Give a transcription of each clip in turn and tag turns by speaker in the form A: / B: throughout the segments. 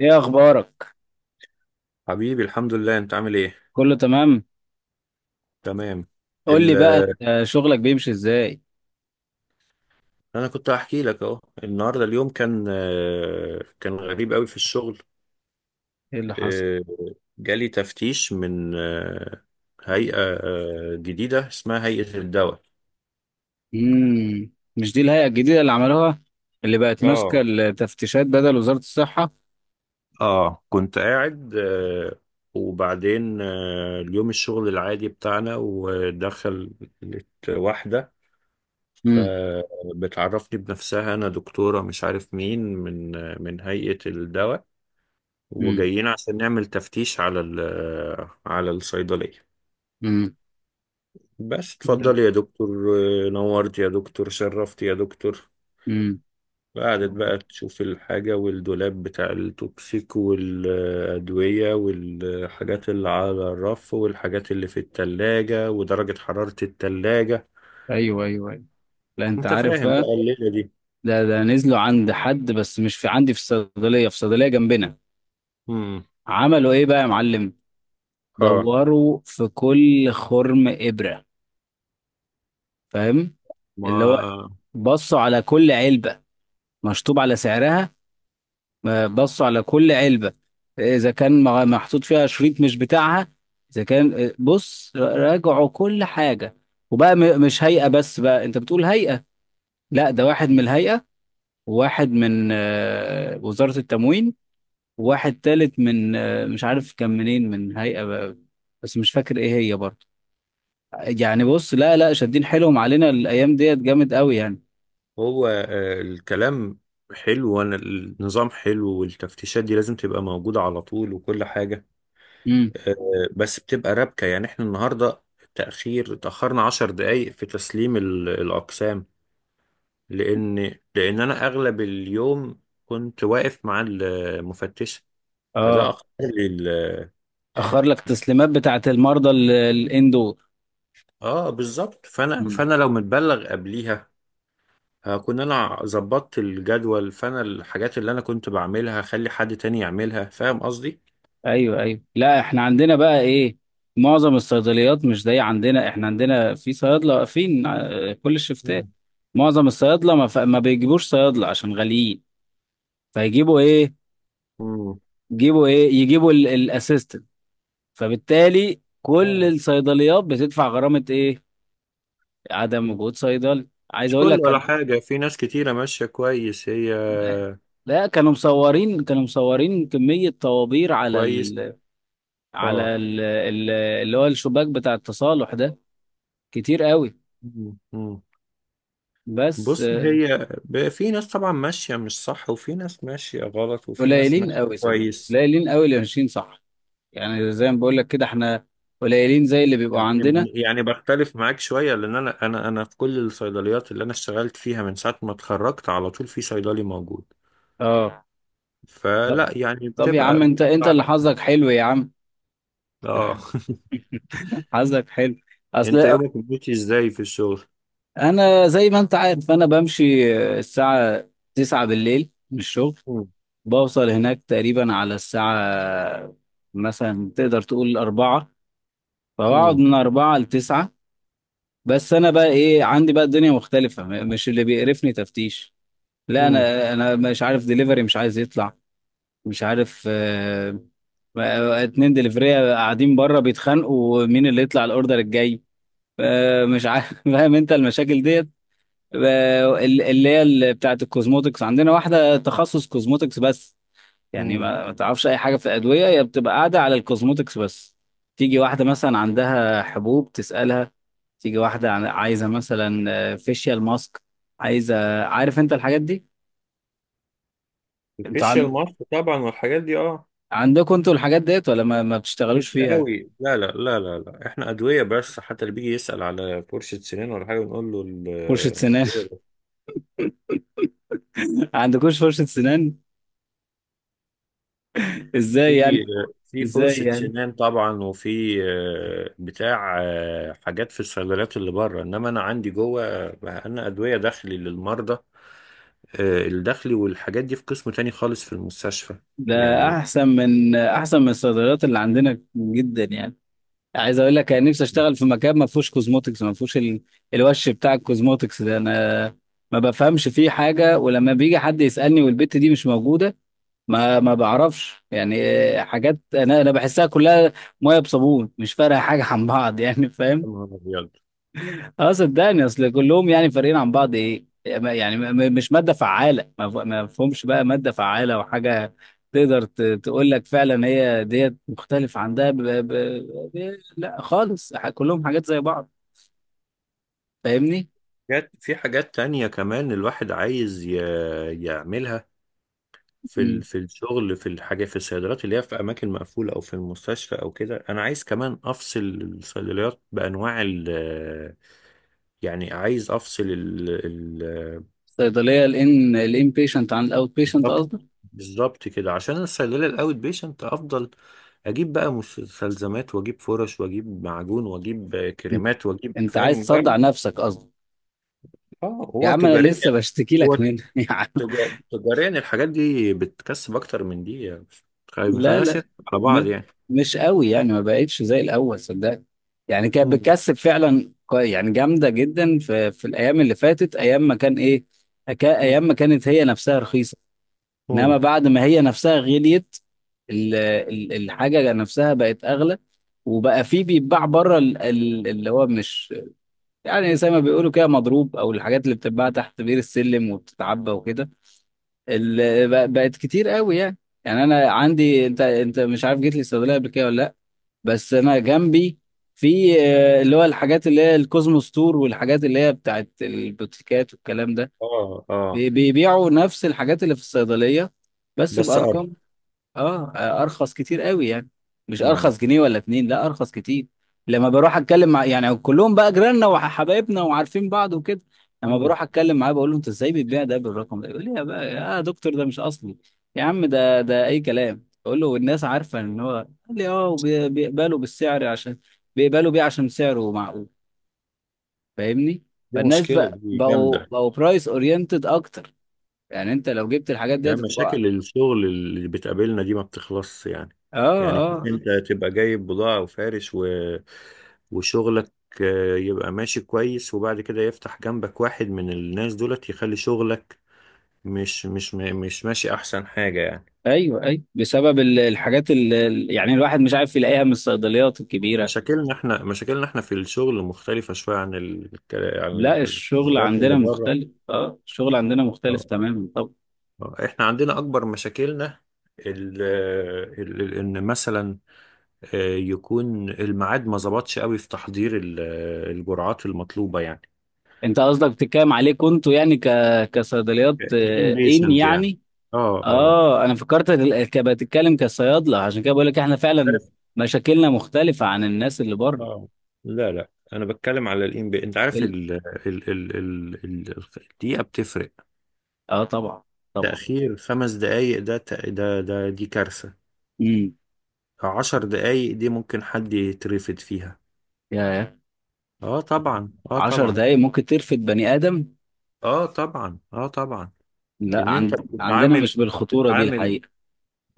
A: ايه اخبارك؟
B: حبيبي الحمد لله، انت عامل ايه؟
A: كله تمام.
B: تمام.
A: قول لي
B: ال
A: بقى، انت شغلك بيمشي ازاي؟
B: انا كنت هحكي لك اهو النهارده، اليوم كان كان غريب قوي في الشغل.
A: ايه اللي حصل؟
B: آه، جالي تفتيش من هيئة جديدة اسمها هيئة الدواء.
A: مش دي الهيئة الجديدة اللي عملوها، اللي بقت ماسكة
B: اه،
A: التفتيشات بدل وزارة الصحة؟
B: اه كنت قاعد وبعدين اليوم الشغل العادي بتاعنا، ودخلت واحدة.
A: امم.
B: فبتعرفني بنفسها: انا دكتورة مش عارف مين من هيئة الدواء،
A: امم.
B: وجايين عشان نعمل تفتيش على الصيدلية.
A: امم.
B: بس اتفضل يا دكتور، نورت يا دكتور، شرفت يا دكتور.
A: امم.
B: قعدت بقى تشوف الحاجة والدولاب بتاع التوكسيك والأدوية والحاجات اللي على الرف والحاجات اللي في التلاجة ودرجة حرارة التلاجة.
A: ايوه ايوه ايوه. لا انت
B: انت
A: عارف
B: فاهم
A: بقى،
B: بقى الليلة دي.
A: ده نزلوا عند حد بس مش في عندي، في الصيدلية، في صيدلية جنبنا.
B: مم.
A: عملوا ايه بقى يا معلم؟
B: اه،
A: دوروا في كل خرم إبرة، فاهم؟ اللي هو
B: ما
A: بصوا على كل علبة، مشطوب على سعرها. بصوا على كل علبة إذا كان محطوط فيها شريط مش بتاعها. إذا كان بص، راجعوا كل حاجة. وبقى مش هيئة بس بقى، أنت بتقول هيئة؟ لا، ده واحد من الهيئة، وواحد من وزارة التموين، وواحد تالت من مش عارف كان منين، من هيئة بقى بس مش فاكر إيه هي برضه. يعني بص، لا لا، شادين حيلهم علينا الأيام ديت جامد قوي يعني.
B: هو الكلام حلو، وانا النظام حلو، والتفتيشات دي لازم تبقى موجودة على طول، وكل حاجة.
A: امم.
B: آه، بس بتبقى رابكة يعني. احنا النهاردة تأخرنا 10 دقايق في تسليم الأقسام، لأن لأن أنا أغلب اليوم كنت واقف مع المفتشة. فده
A: اه،
B: أخر لي
A: أخر لك تسليمات بتاعت المرضى الإندور.
B: اه، بالظبط. فانا لو متبلغ قبليها هكون انا ظبطت الجدول، فانا الحاجات اللي انا كنت بعملها هخلي حد تاني يعملها، فاهم قصدي.
A: ايوه ايوه، لا احنا عندنا بقى ايه، معظم الصيدليات مش زي عندنا، احنا عندنا في صيادله واقفين كل الشفتات.
B: مم.
A: معظم الصيادله ما, ما بيجيبوش صيادله عشان غاليين، فيجيبوا ايه،
B: مم.
A: يجيبوا ايه، يجيبوا الاسيستنت. فبالتالي كل
B: اه.
A: الصيدليات بتدفع غرامه ايه، عدم
B: مم.
A: وجود صيدلي، عايز
B: مش
A: اقول لك
B: كل ولا
A: كان.
B: حاجة، في ناس كتيرة ماشية كويس هي.
A: لا، كانوا مصورين، كانوا مصورين كمية طوابير على
B: كويس. اه.
A: اللي هو الشباك بتاع التصالح ده، كتير قوي.
B: مم. مم.
A: بس
B: بص، هي في ناس طبعا ماشية مش صح، وفي ناس ماشية غلط، وفي ناس
A: قليلين
B: ماشية
A: قوي صدق،
B: كويس.
A: قليلين قوي اللي ماشيين صح. يعني زي ما بقول لك كده، احنا قليلين زي اللي بيبقوا عندنا.
B: يعني بختلف معاك شوية، لأن أنا في كل الصيدليات اللي أنا اشتغلت فيها من ساعة ما اتخرجت على طول في صيدلي موجود.
A: اه. طب،
B: فلا يعني
A: طب يا
B: بتبقى
A: عم، انت
B: بتبقى على
A: اللي
B: حسب.
A: حظك حلو يا عم،
B: اه.
A: حظك حلو.
B: أنت
A: اصل
B: يومك ماشي إزاي في الشغل؟
A: زي ما انت عارف، انا بمشي الساعة 9 بالليل من الشغل،
B: مم.
A: بوصل هناك تقريبا على الساعة، مثلا تقدر تقول أربعة، فبقعد
B: مم.
A: من أربعة لتسعة. بس أنا بقى إيه، عندي بقى الدنيا مختلفة، مش اللي بيقرفني تفتيش. لا
B: مم.
A: انا مش عارف، دليفري مش عايز يطلع، مش عارف، اتنين دليفرية قاعدين بره بيتخانقوا مين اللي يطلع الاوردر الجاي، مش عارف فاهم انت المشاكل ديت. اللي هي بتاعه الكوزموتكس، عندنا واحدة تخصص كوزموتكس بس، يعني
B: مم.
A: ما تعرفش اي حاجة في الادوية، هي بتبقى قاعدة على الكوزموتكس بس. تيجي واحدة مثلا عندها حبوب تسألها، تيجي واحدة عايزة مثلا فيشيال ماسك، عايزة، عارف انت الحاجات دي؟ انت
B: الفيشيال ماسك طبعا والحاجات دي، اه.
A: عندكم انتوا الحاجات ديت ولا ما بتشتغلوش
B: مش
A: فيها؟
B: قوي، لا، لا، لا، لا، لا، احنا ادويه بس. حتى اللي بيجي يسال على فرشه سنان ولا حاجه نقول له
A: فرشة سنان عندكوش فرشة سنان؟ ازاي
B: في
A: يعني؟
B: في
A: ازاي
B: فرشه
A: يعني؟
B: سنان طبعا، وفي بتاع حاجات في الصيدليات اللي بره. انما انا عندي جوه انا ادويه داخلي للمرضى. الداخلي والحاجات دي في قسم تاني خالص في المستشفى
A: ده
B: يعني.
A: احسن من الصيدليات اللي عندنا جدا يعني. عايز اقول لك، انا نفسي اشتغل في مكان ما فيهوش كوزموتكس، ما فيهوش الوش بتاع الكوزموتكس ده. انا ما بفهمش فيه حاجة، ولما بيجي حد يسألني والبت دي مش موجودة، ما بعرفش يعني. حاجات، انا بحسها كلها ميه بصابون، مش فارقه حاجه عن بعض يعني، فاهم؟
B: يا نهار أبيض.
A: اه، صدقني اصل كلهم يعني فارقين عن بعض ايه يعني، مش ماده فعاله، ما فهمش بقى ماده فعاله وحاجه تقدر تقول لك فعلا هي ديت مختلف عن ده. لا خالص، كلهم حاجات زي بعض، فاهمني؟
B: في حاجات تانية كمان الواحد عايز يعملها
A: امم.
B: في الشغل، في الحاجه، في الصيدليات اللي هي في اماكن مقفوله او في المستشفى او كده. انا عايز كمان افصل الصيدليات بانواع يعني عايز افصل ال ال
A: الصيدليه الان بيشنت عن الاوت بيشنت
B: بالظبط.
A: قصدك؟
B: بالظبط كده، عشان أنا الصيدليه الاوت بيشنت افضل اجيب بقى مستلزمات واجيب فرش واجيب معجون واجيب
A: انت
B: كريمات واجيب،
A: أنت عايز
B: فاهم.
A: تصدع
B: جرب.
A: نفسك قصدك؟
B: اه،
A: يا
B: هو
A: عم انا
B: تجاريا.
A: لسه بشتكي
B: هو
A: لك منها
B: تجاريا الحاجات دي بتكسب اكتر من دي يعني. ما
A: لا
B: خليناش
A: لا،
B: نضحك على
A: م...
B: بعض يعني.
A: مش قوي يعني، ما بقتش زي الاول صدقني. يعني كانت
B: مم.
A: بتكسب فعلا يعني جامده جدا في الايام اللي فاتت، ايام ما كان ايه، ايام ما كانت هي نفسها رخيصه. انما
B: مم.
A: بعد ما هي نفسها غليت، الحاجه نفسها بقت اغلى. وبقى في بيتباع بره، اللي هو مش، يعني زي ما بيقولوا كده، مضروب او الحاجات اللي بتتباع تحت بير السلم وبتتعبى وكده، بقت كتير قوي يعني. يعني انا عندي، انت مش عارف جيت لي الصيدليه قبل كده ولا لا، بس انا جنبي في اللي هو الحاجات اللي هي الكوزموس تور والحاجات اللي هي بتاعت البوتيكات والكلام ده،
B: اه، اه.
A: بيبيعوا نفس الحاجات اللي في الصيدليه بس
B: بس
A: بارقام، اه، ارخص كتير قوي يعني، مش
B: مم.
A: ارخص جنيه ولا اتنين، لا ارخص كتير. لما بروح اتكلم مع، يعني كلهم بقى جيراننا وحبايبنا وعارفين بعض وكده، لما
B: مم.
A: بروح اتكلم معاه بقول له انت ازاي بتبيع ده بالرقم ده، يقول لي يا بقى يا دكتور ده مش اصلي. يا عم ده، ده اي كلام اقول له، والناس عارفه ان هو، قال لي اه بيقبلوا بالسعر عشان بيقبلوا بيه عشان سعره معقول، فاهمني؟
B: دي
A: فالناس
B: مشكلة،
A: بقى،
B: دي
A: بقوا
B: جامدة.
A: بقوا برايس اورينتد اكتر، يعني انت لو جبت الحاجات
B: يعني
A: ديت هتبقى.
B: مشاكل الشغل اللي بتقابلنا دي ما بتخلصش يعني.
A: اه
B: يعني شوف،
A: اه، آه.
B: انت تبقى جايب بضاعة وفارش، و... وشغلك يبقى ماشي كويس، وبعد كده يفتح جنبك واحد من الناس دولت يخلي شغلك مش ماشي احسن حاجة يعني.
A: ايوه، اي بسبب الحاجات اللي يعني الواحد مش عارف يلاقيها من الصيدليات الكبيره.
B: مشاكلنا احنا في الشغل مختلفة شوية عن عن
A: لا الشغل
B: الولايات اللي
A: عندنا
B: بره.
A: مختلف، اه الشغل عندنا مختلف
B: آه.
A: تماما. طب
B: احنا عندنا اكبر مشاكلنا ان مثلا يكون الميعاد ما ظبطش قوي في تحضير الجرعات المطلوبه يعني.
A: انت قصدك بتتكلم عليكم انتوا يعني، كصيدليات
B: كان
A: ان
B: بيشنت يعني.
A: يعني.
B: اه، اه.
A: اه انا فكرت، بتتكلم كصيادله، عشان كده بقول لك احنا فعلا
B: عارف.
A: مشاكلنا مختلفه عن الناس اللي بره.
B: اه. لا، لا، انا بتكلم على الام بي. انت عارف
A: ال-
B: الدقيقه بتفرق.
A: اه طبعا، طبعا.
B: تاخير 5 دقائق، ده ت- ده ده دي كارثه.
A: امم
B: 10 دقائق دي ممكن حد يترفد فيها.
A: يا
B: اه طبعا، اه
A: 10
B: طبعا،
A: دقايق ممكن ترفد بني ادم.
B: اه طبعا، اه طبعا.
A: لا
B: ان انت
A: عندنا
B: بتتعامل
A: مش
B: انت
A: بالخطوره دي
B: بتتعامل،
A: الحقيقه.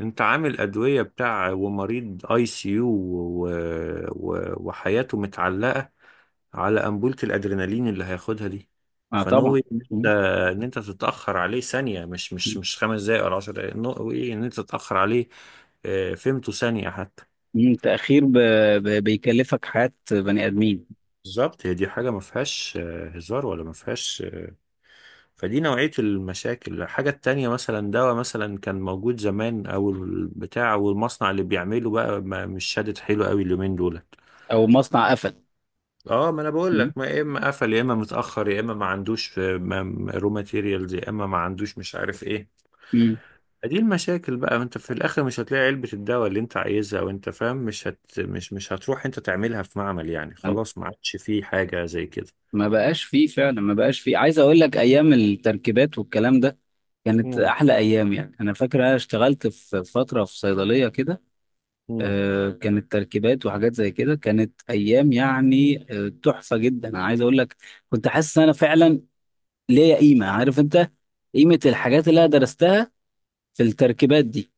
B: انت عامل ادويه بتاع ومريض اي سي يو، و... و... وحياته متعلقه على انبولة الادرينالين اللي هياخدها دي.
A: اه طبعا.
B: فنوي ان انت تتاخر عليه ثانيه، مش 5 دقائق ولا 10 دقائق. نوي ان انت تتاخر عليه فهمته ثانيه حتى.
A: تأخير بيكلفك حياة بني آدمين.
B: بالظبط، هي دي حاجه ما فيهاش هزار، ولا ما فيهاش. فدي نوعية المشاكل. الحاجة التانية مثلا دواء مثلا كان موجود زمان، أو البتاع أو المصنع اللي بيعمله بقى ما مش شادد حلو قوي اليومين دولت.
A: أو مصنع قفل.
B: اه، ما انا بقول
A: مم.
B: لك، ما يا اما قفل، يا اما متاخر، يا اما ما عندوش رو ماتيريالز، يا اما ما عندوش مش عارف ايه.
A: مم.
B: دي المشاكل بقى. انت في الاخر مش هتلاقي علبه الدواء اللي انت عايزها، وانت فاهم مش هت مش مش هتروح انت تعملها في معمل يعني. خلاص، ما عادش فيه حاجه زي كده.
A: ما بقاش فيه فعلا، ما بقاش فيه، عايز أقول لك أيام التركيبات والكلام ده كانت
B: مم.
A: أحلى أيام. يعني أنا فاكر أنا اشتغلت في فترة في صيدلية كده،
B: مم.
A: كانت تركيبات وحاجات زي كده، كانت أيام يعني تحفة جدا أنا عايز أقول لك. كنت حاسس إن أنا فعلا ليا قيمة، عارف أنت قيمة الحاجات اللي أنا درستها في التركيبات دي؟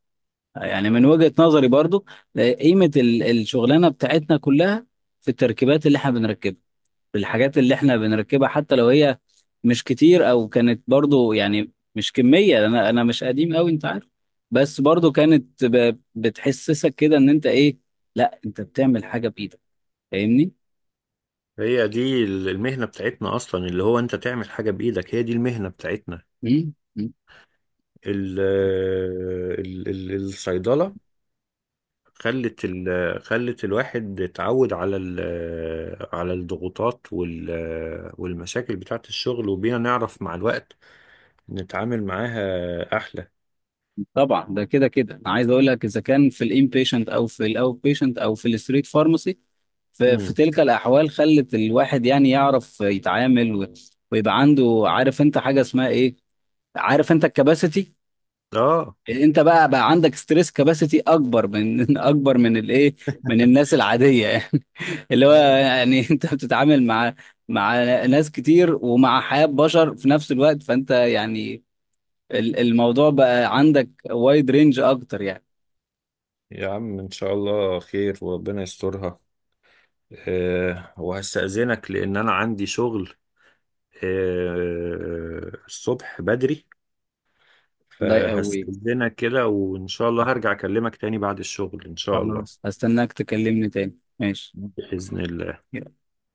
A: يعني من وجهة نظري برضو، قيمة الشغلانة بتاعتنا كلها في التركيبات اللي احنا بنركبها، في الحاجات اللي احنا بنركبها، حتى لو هي مش كتير او كانت برضو، يعني مش كمية، انا مش قديم قوي انت عارف، بس برضو كانت بتحسسك كده ان انت ايه، لا انت بتعمل حاجة بايدك، فاهمني؟
B: هي دي المهنة بتاعتنا أصلا، اللي هو أنت تعمل حاجة بإيدك، هي دي المهنة بتاعتنا.
A: مم. مم.
B: ال ال ال الصيدلة خلت ال خلت الواحد اتعود على على الضغوطات والمشاكل بتاعة الشغل، وبينا نعرف مع الوقت نتعامل معاها أحلى.
A: طبعا، ده كده كده انا عايز اقول لك، اذا كان في الانبيشنت او في الاوت بيشنت او في الستريت فارماسي، في
B: مم.
A: تلك الأحوال خلت الواحد يعني يعرف يتعامل، و- ويبقى عنده، عارف أنت حاجة اسمها إيه؟ عارف أنت الكباسيتي؟
B: آه.
A: أنت بقى عندك ستريس كباسيتي أكبر من أكبر من الإيه؟ من الناس العادية يعني اللي هو
B: آه
A: يعني أنت بتتعامل مع، مع ناس كتير ومع حياة بشر في نفس الوقت، فأنت يعني الموضوع بقى عندك وايد رينج أكتر يعني.
B: يا عم، إن شاء الله خير وربنا يسترها. آه وهستأذنك لأن أنا عندي شغل آه الصبح بدري،
A: ده قوي،
B: فهستأذنك كده، وإن شاء الله هرجع أكلمك تاني بعد الشغل إن شاء الله.
A: خلاص هستناك تكلمني تاني ماشي.
B: بإذن الله.